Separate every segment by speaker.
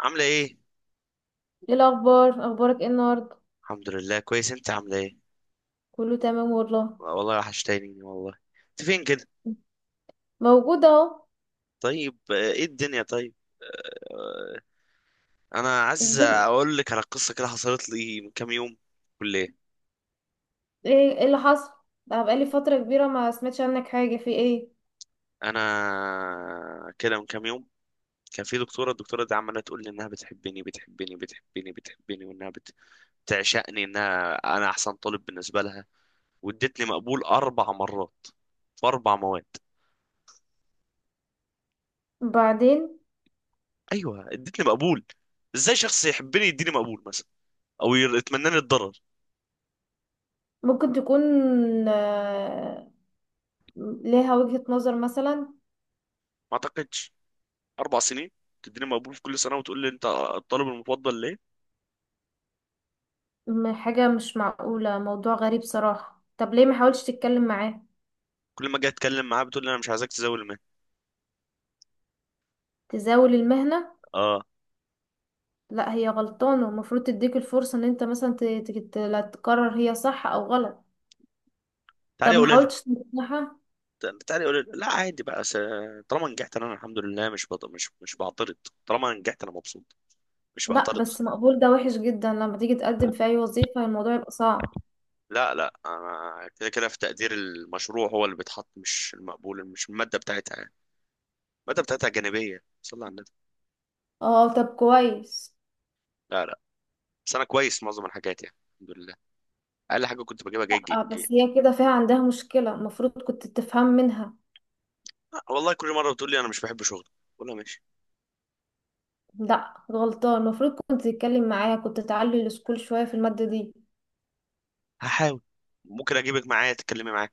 Speaker 1: عاملة ايه؟
Speaker 2: ايه الاخبار، اخبارك ايه النهارده؟
Speaker 1: الحمد لله كويس، انت عاملة ايه؟
Speaker 2: كله تمام والله.
Speaker 1: والله وحشتيني والله. انت فين كده؟
Speaker 2: موجوده اهو.
Speaker 1: طيب، ايه الدنيا طيب؟ آه، انا عايز
Speaker 2: الدنيا-
Speaker 1: اقول لك على قصة كده حصلت لي من كام يوم. كلية.
Speaker 2: ايه؟ إيه اللي حصل؟ بقى بقالي فتره كبيره ما سمعتش عنك حاجه، في ايه؟
Speaker 1: انا كده من كام يوم كان في الدكتورة دي عمالة تقول لي انها بتحبني بتحبني بتحبني بتحبني، بتعشقني، انها انا احسن طالب بالنسبة لها، وادتني مقبول اربع مرات في اربع مواد.
Speaker 2: بعدين؟
Speaker 1: ايوه ادتني مقبول. ازاي شخص يحبني يديني مقبول مثلا، او يتمنى لي الضرر؟
Speaker 2: ممكن تكون آه، ليها وجهة نظر مثلا.
Speaker 1: ما اعتقدش. اربع سنين تديني مقبول في كل سنه وتقول لي انت الطالب المفضل ليه؟
Speaker 2: حاجه مش معقوله، موضوع غريب صراحه. طب ليه ما حاولتش تتكلم معاه؟
Speaker 1: كل ما اجي اتكلم معاه بتقول لي انا مش عايزك تزاول المهنه.
Speaker 2: تزاول المهنه؟
Speaker 1: اه.
Speaker 2: لا هي غلطانه، المفروض تديك الفرصه ان انت مثلا لا، تقرر هي صح او غلط. طب
Speaker 1: تعالي
Speaker 2: ما
Speaker 1: قولي لها،
Speaker 2: حاولتش تنصحها؟
Speaker 1: تعالي قولي لها. لا عادي بقى، طالما نجحت انا الحمد لله، مش بط... مش مش بعترض. طالما نجحت انا مبسوط، مش
Speaker 2: لا
Speaker 1: بعترض.
Speaker 2: بس مقبول ده وحش جدا، لما تيجي تقدم في اي وظيفة الموضوع يبقى صعب.
Speaker 1: لا لا، انا كده كده في تقدير المشروع هو اللي بيتحط، مش المقبول، مش الماده بتاعتها يعني. الماده بتاعتها جانبيه، صلى على النبي.
Speaker 2: اه طب كويس.
Speaker 1: لا لا، بس انا كويس معظم الحاجات يعني، الحمد لله. اقل حاجه كنت بجيبها جيد.
Speaker 2: اه
Speaker 1: جيد.
Speaker 2: بس هي كده فيها عندها مشكلة، المفروض كنت تفهم منها.
Speaker 1: والله كل مره بتقول لي انا مش بحب شغلي، بقول لها ماشي.
Speaker 2: لا غلطان، المفروض كنت تتكلم معاها، كنت تعلي السكول شوية في المادة دي.
Speaker 1: هحاول، ممكن اجيبك معايا تتكلمي معايا.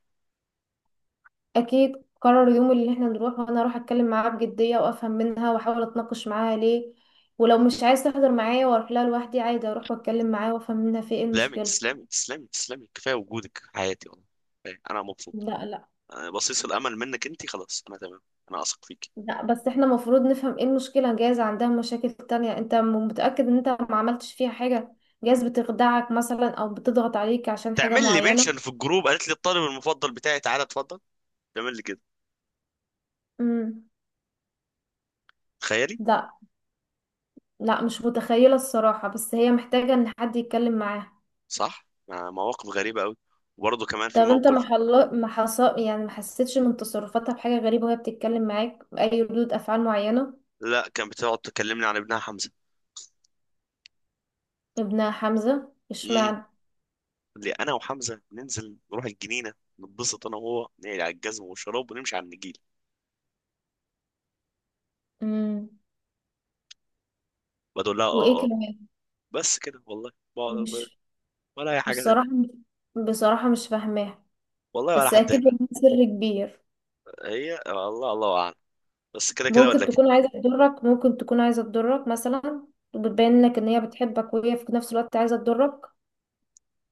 Speaker 2: اكيد، قرر اليوم اللي احنا نروح، وانا اروح اتكلم معاها بجدية وافهم منها واحاول اتناقش معاها ليه. ولو مش عايز تحضر معايا، واروح لها لوحدي عادي، اروح واتكلم معاها وافهم منها في ايه
Speaker 1: تسلمي
Speaker 2: المشكلة.
Speaker 1: تسلمي تسلمي تسلمي، كفايه وجودك في حياتي والله. كفاية. انا مبسوط.
Speaker 2: لا لا.
Speaker 1: أنا بصيص الامل منك انت، خلاص انا تمام. انا اثق فيك.
Speaker 2: لا بس احنا المفروض نفهم ايه المشكلة. جايز عندها مشاكل تانية، انت متأكد ان انت ما عملتش فيها حاجة؟ جايز بتخدعك مثلا او بتضغط عليك عشان حاجة
Speaker 1: تعمل لي
Speaker 2: معينة.
Speaker 1: منشن في الجروب، قالت لي الطالب المفضل بتاعي تعالى اتفضل. تعمل لي كده.
Speaker 2: امم.
Speaker 1: تخيلي.
Speaker 2: لا. لا مش متخيلة الصراحة، بس هي محتاجة ان حد يتكلم معاها.
Speaker 1: صح، مع مواقف غريبه قوي. وبرضه كمان في
Speaker 2: طب انت ما
Speaker 1: موقف.
Speaker 2: حل... ما حص... يعني ما حسيتش من تصرفاتها بحاجة غريبة وهي بتتكلم معاك بأي ردود أفعال معينة؟
Speaker 1: لا، كان بتقعد تكلمني عن ابنها حمزه.
Speaker 2: ابنها حمزة؟
Speaker 1: امم.
Speaker 2: اشمعنى؟
Speaker 1: اللي انا وحمزه ننزل نروح الجنينه، نتبسط انا وهو، نقلع على الجزم والشراب ونمشي على النجيل.
Speaker 2: امم.
Speaker 1: بقول لها
Speaker 2: وايه
Speaker 1: اه اه.
Speaker 2: كمان؟
Speaker 1: بس كده والله.
Speaker 2: مش
Speaker 1: ولا اي حاجه تانية.
Speaker 2: بصراحة. بصراحة مش فاهماها.
Speaker 1: والله ولا
Speaker 2: بس
Speaker 1: حد
Speaker 2: اكيد
Speaker 1: يفهم.
Speaker 2: والله سر كبير.
Speaker 1: هي الله، الله اعلم. بس كده كده
Speaker 2: ممكن
Speaker 1: ولا كده.
Speaker 2: تكون عايزة تضرك، ممكن تكون عايزة تضرك مثلا، وبتبين لك ان هي بتحبك وهي في نفس الوقت عايزة تضرك.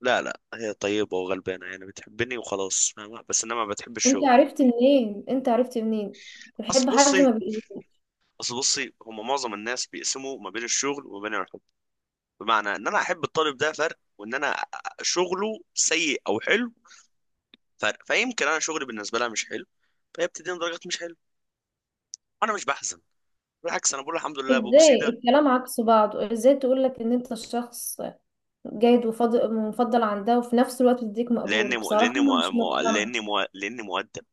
Speaker 1: لا لا، هي طيبه وغلبانه يعني، بتحبني وخلاص، فاهمة؟ بس انما ما بتحبش
Speaker 2: انت
Speaker 1: شغلي.
Speaker 2: عرفت منين؟ انت عرفت منين
Speaker 1: اصل
Speaker 2: تحب حد
Speaker 1: بصي،
Speaker 2: ما بيقولك؟
Speaker 1: اصل بصي، هم معظم الناس بيقسموا ما بين الشغل وما بين الحب. بمعنى ان انا احب الطالب ده فرق، وان انا شغله سيء او حلو فرق. فيمكن انا شغلي بالنسبه لها مش حلو، فهي بتديني درجات مش حلوه. انا مش بحزن، بالعكس انا بقول الحمد لله، ببوس
Speaker 2: ازاي
Speaker 1: ايدي.
Speaker 2: الكلام عكس بعضه؟ ازاي تقولك ان انت الشخص جيد ومفضل عندها وفي نفس الوقت تديك مقبول؟
Speaker 1: لاني مو...
Speaker 2: بصراحة
Speaker 1: لاني
Speaker 2: انا
Speaker 1: مو...
Speaker 2: مش
Speaker 1: مو...
Speaker 2: مقتنعة.
Speaker 1: لاني مو... لاني مؤدب.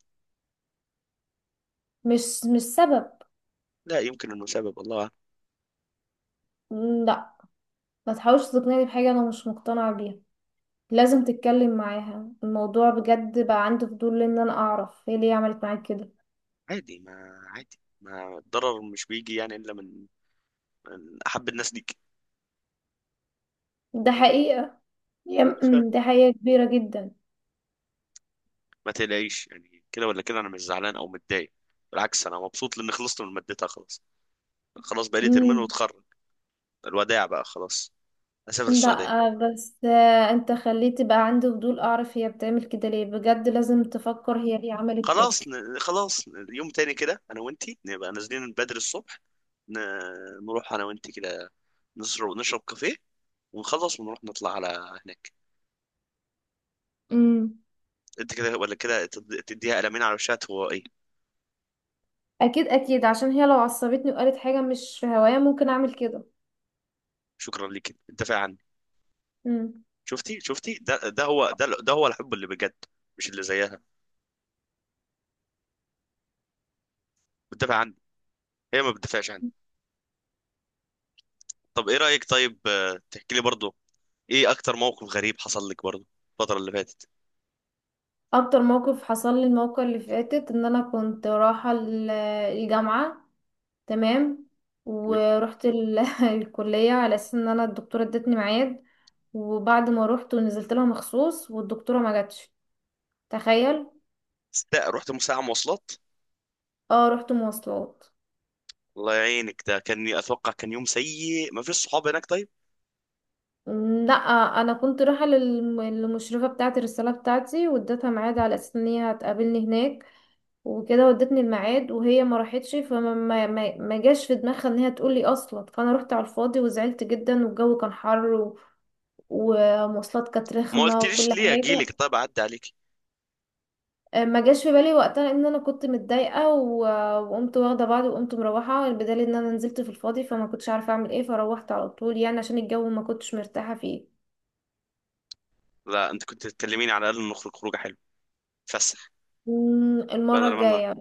Speaker 2: مش مش سبب.
Speaker 1: لا يمكن انه سبب، الله أعلم.
Speaker 2: لا. ما تحاولش تقنعني بحاجة انا مش مقتنعة بيها. لازم تتكلم معاها الموضوع بجد، بقى عندي فضول ان انا اعرف هي ليه عملت معاك كده.
Speaker 1: عادي ما عادي ما الضرر مش بيجي يعني الا من، من احب الناس ليك.
Speaker 2: ده حقيقة. يا- أمم،
Speaker 1: فاهم؟
Speaker 2: دي حقيقة كبيرة جدا.
Speaker 1: ما تقلقيش يعني، كده ولا كده انا مش زعلان او متضايق. بالعكس انا مبسوط لاني خلصت من مادتها خلاص. خلاص بقالي ترمين
Speaker 2: امم.
Speaker 1: واتخرج. الوداع بقى، خلاص اسافر السعوديه.
Speaker 2: لا بس انت خليتي بقى عندي فضول اعرف هي بتعمل كده ليه، بجد لازم تفكر هي ليه عملت كده.
Speaker 1: يوم تاني كده انا وانتي نبقى نازلين بدري الصبح، ن... نروح انا وانتي كده، نشرب كافيه، ونخلص ونروح نطلع على هناك.
Speaker 2: امم.
Speaker 1: انت كده ولا كده تديها قلمين على وشها، هو ايه؟
Speaker 2: اكيد اكيد، عشان هي لو عصبتني وقالت حاجة مش في هوايا ممكن اعمل كده.
Speaker 1: شكرا ليك انت فعلا.
Speaker 2: امم.
Speaker 1: شفتي، ده هو الحب اللي بجد، مش اللي زيها. بتدافع عني، هي ما بتدافعش عني. طب ايه رأيك طيب، تحكي لي برضه ايه اكتر موقف غريب حصل لك برضه الفترة اللي فاتت؟
Speaker 2: اكتر موقف حصل لي الموقع اللي فاتت ان انا كنت رايحة الجامعة، تمام، ورحت الكلية على اساس ان انا الدكتورة ادتني ميعاد، وبعد ما روحت ونزلت لها مخصوص والدكتورة ما جاتش. تخيل.
Speaker 1: رحت ساعة مواصلات.
Speaker 2: اه رحت مواصلات.
Speaker 1: الله يعينك، ده كان اتوقع كان يوم سيء ما فيش صحاب هناك طيب.
Speaker 2: لا انا كنت رايحه للمشرفه بتاعه الرساله بتاعتي، واديتها ميعاد على اساس ان هي هتقابلني هناك، وكده ودتني الميعاد وهي ما راحتش، فما ما جاش في دماغها ان هي تقول لي اصلا، فانا رحت على الفاضي وزعلت جدا، والجو كان حر ومواصلات كانت
Speaker 1: ما
Speaker 2: رخمه
Speaker 1: قلتليش
Speaker 2: وكل
Speaker 1: ليه، اجي
Speaker 2: حاجه.
Speaker 1: لك طيب اعدي عليك.
Speaker 2: آه، ما جاش في بالي وقتها ان انا كنت متضايقه وقمت واخده بعضي وقمت مروحه، بدليل ان انا نزلت في الفاضي فما كنتش عارفه اعمل ايه، فروحت على طول يعني عشان الجو ما كنتش مرتاحه فيه.
Speaker 1: لا، انت كنت تكلميني على الاقل نخرج خروجه حلوه، فسح.
Speaker 2: مم، المرة
Speaker 1: بدل ما أنا-
Speaker 2: الجاية.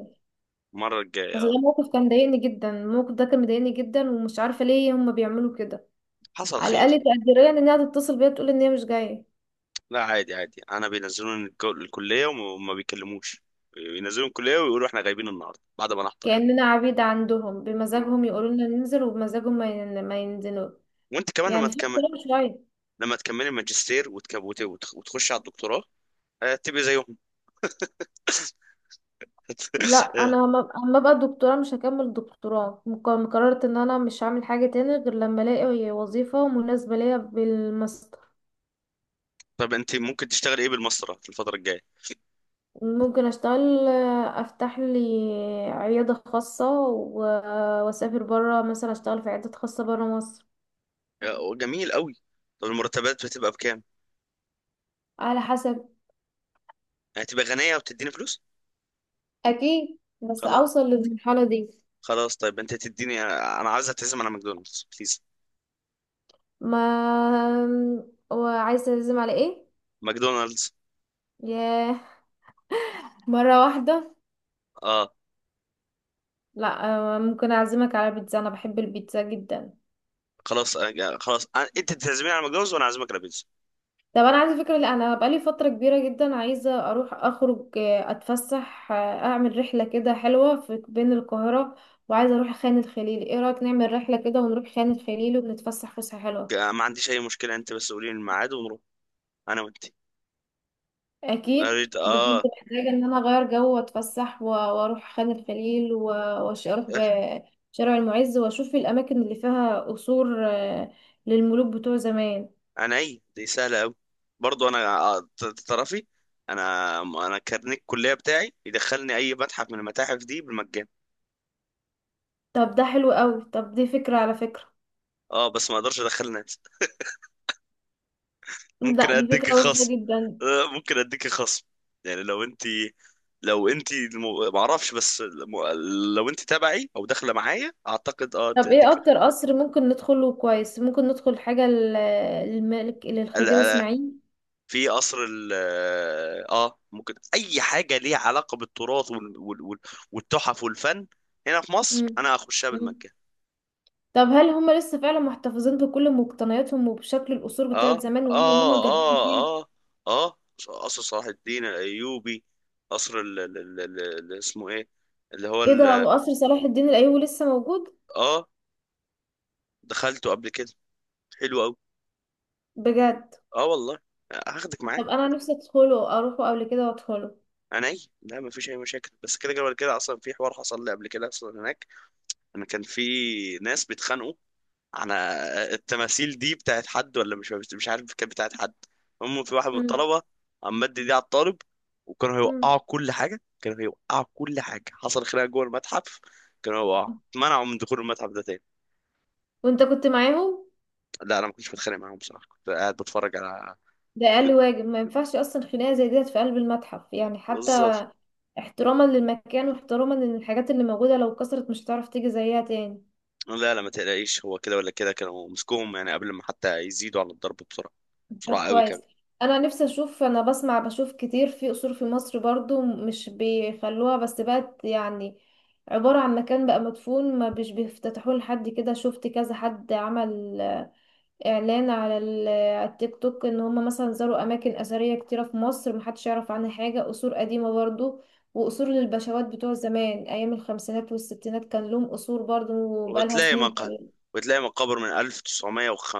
Speaker 1: المره الجايه
Speaker 2: بس ده موقف كان ضايقني جدا، الموقف ده كان مضايقني جدا ومش عارفة ليه هما بيعملوا كده.
Speaker 1: حصل
Speaker 2: على
Speaker 1: خير.
Speaker 2: الأقل تقديريا إنها تتصل بيا تقول إن هي مش جاية.
Speaker 1: لا عادي عادي، انا بينزلوني الكليه وما بيكلموش، بينزلوني الكليه ويقولوا احنا غايبين النهارده بعد ما نحضر يعني.
Speaker 2: كأننا عبيد عندهم،
Speaker 1: واو.
Speaker 2: بمزاجهم يقولوا لنا ننزل وبمزاجهم ما ينزلوا.
Speaker 1: وانت كمان لما
Speaker 2: يعني في
Speaker 1: تكمل،
Speaker 2: احترام شوية.
Speaker 1: لما تكملي ماجستير وتخش على الدكتوراه، تبقي زيهم.
Speaker 2: لا
Speaker 1: آه،
Speaker 2: أنا أما أبقى دكتوراه، مش هكمل دكتوراه، قررت إن أنا مش هعمل حاجة تاني غير لما ألاقي وظيفة مناسبة ليا بالمستوى.
Speaker 1: طب انت ممكن تشتغل ايه بالمسطره في الفتره الجايه؟
Speaker 2: ممكن اشتغل، افتح لي عيادة خاصة واسافر برا مثلا، اشتغل في عيادة خاصة برا مصر.
Speaker 1: جميل قوي. طب المرتبات بتبقى بكام؟
Speaker 2: على حسب.
Speaker 1: هتبقى غنيه وتديني فلوس.
Speaker 2: اكيد بس
Speaker 1: خلاص.
Speaker 2: اوصل للمرحلة دي.
Speaker 1: خلاص طيب انت تديني، انا عايز اتعزم على ماكدونالدز بليز.
Speaker 2: ما. وعايزة تعزم على ايه؟
Speaker 1: ماكدونالدز.
Speaker 2: ياه، مرة واحدة؟
Speaker 1: اه.
Speaker 2: لا. آه، ممكن اعزمك على بيتزا، انا بحب البيتزا جدا.
Speaker 1: خلاص خلاص، انت تعزميني على ماكدونالدز وانا اعزمك على بيتزا.
Speaker 2: طب انا عندي فكره، لا انا بقالي فتره كبيره جدا عايزه اروح اخرج، آه، اتفسح، آه، اعمل رحله كده حلوه في بين القاهره، وعايزه اروح خان الخليل. ايه رايك نعمل رحله كده ونروح خان الخليل ونتفسح فسحه حلوه؟
Speaker 1: ما عنديش اي مشكله، انت بس قولي لي الميعاد ونروح انا وانت.
Speaker 2: اكيد
Speaker 1: قريت،
Speaker 2: بجد
Speaker 1: اه.
Speaker 2: محتاجه ان انا اغير جو واتفسح واروح خان الخليل اروح بشارع المعز واشوف الاماكن اللي فيها قصور، آه، للملوك بتوع زمان.
Speaker 1: اي دي سهله قوي. برضو انا، تعرفي، انا كارنيك الكليه بتاعي يدخلني اي متحف من المتاحف دي بالمجان.
Speaker 2: طب ده حلو قوي، طب دي فكره على فكره.
Speaker 1: اه بس ما اقدرش ادخل ناس.
Speaker 2: لا
Speaker 1: ممكن
Speaker 2: دي
Speaker 1: اديك
Speaker 2: فكره وحشه
Speaker 1: خصم.
Speaker 2: جدا.
Speaker 1: ممكن اديك خصم، يعني لو انت ما اعرفش بس لو انت تبعي او داخله معايا اعتقد اه.
Speaker 2: طب ايه اكتر قصر ممكن ندخله كويس؟ ممكن ندخل حاجة للملك، للخديوي
Speaker 1: اديك
Speaker 2: اسماعيل.
Speaker 1: في قصر ال اه، ممكن اي حاجه ليها علاقه بالتراث والتحف والفن هنا في مصر،
Speaker 2: مم.
Speaker 1: انا هخشها
Speaker 2: مم.
Speaker 1: بالمجان.
Speaker 2: طب هل هم لسه فعلا محتفظين بكل مقتنياتهم وبشكل القصور بتاعت
Speaker 1: اه
Speaker 2: زمان واللي هم
Speaker 1: اه
Speaker 2: جددوا فيه؟
Speaker 1: اه. اه اه. قصر صلاح الدين الايوبي. قصر ال... ال... ال... ال... ال- اسمه ايه، اللي هو
Speaker 2: ايه ده، وقصر صلاح الدين الايوبي لسه موجود؟
Speaker 1: اه. دخلته قبل كده، حلو قوي.
Speaker 2: بجد؟
Speaker 1: اه والله، هاخدك معايا.
Speaker 2: طب انا نفسي ادخله، اروحه قبل كده وادخله.
Speaker 1: انا ايه، لا ما فيش اي مشاكل، بس كده كده كده. اصلا في حوار حصل لي قبل كده اصلا هناك، انا كان في ناس بيتخانقوا. انا، التماثيل دي بتاعت حد ولا، مش مش عارف، كانت بتاعت حد. هم في واحد من
Speaker 2: مم.
Speaker 1: الطلبه عم مد دي على الطالب، وكانوا
Speaker 2: مم.
Speaker 1: هيوقعوا كل حاجه، كانوا هيوقعوا كل حاجه، حصل خناقه جوه المتحف. كانوا هيوقعوا، اتمنعوا من دخول المتحف ده تاني.
Speaker 2: وانت كنت معاهم؟
Speaker 1: لا انا ما كنتش بتخانق معاهم بصراحه، كنت قاعد بتفرج على.
Speaker 2: ده اقل واجب، ما ينفعش اصلا خناقة زي ديت في قلب المتحف، يعني حتى
Speaker 1: بالظبط.
Speaker 2: احتراما للمكان واحتراما لان الحاجات اللي موجودة لو اتكسرت مش هتعرف تيجي زيها تاني.
Speaker 1: لا لا ما تقلقيش، هو كده ولا كده كانوا مسكوهم يعني قبل ما حتى يزيدوا على الضرب، بسرعه،
Speaker 2: طب
Speaker 1: بسرعه قوي
Speaker 2: كويس.
Speaker 1: كمان.
Speaker 2: انا نفسي اشوف، انا بسمع بشوف كتير في قصور في مصر برضو مش بيخلوها، بس بقت يعني عبارة عن مكان بقى مدفون ما بيش بيفتتحوه، لحد كده شفت كذا حد عمل اعلان على على التيك توك ان هم مثلا زاروا اماكن اثرية كتيرة في مصر محدش يعرف عنها حاجة، قصور قديمة برضو، وقصور للبشوات بتوع زمان ايام الخمسينات والستينات كان لهم قصور برضو بقالها
Speaker 1: وتلاقي
Speaker 2: سنين
Speaker 1: مقا
Speaker 2: طويلة.
Speaker 1: وتلاقي مقابر من 1900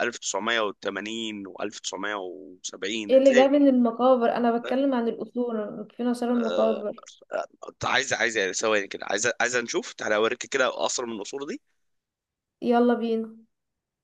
Speaker 1: 1980 و1970
Speaker 2: ايه اللي
Speaker 1: هتلاقي.
Speaker 2: جاي من المقابر؟ انا بتكلم عن الاصول، فين اثار المقابر؟
Speaker 1: عايزه ثواني كده، عايزه نشوف، تعالى اوريك كده قصر من القصور دي.
Speaker 2: يلا بينا.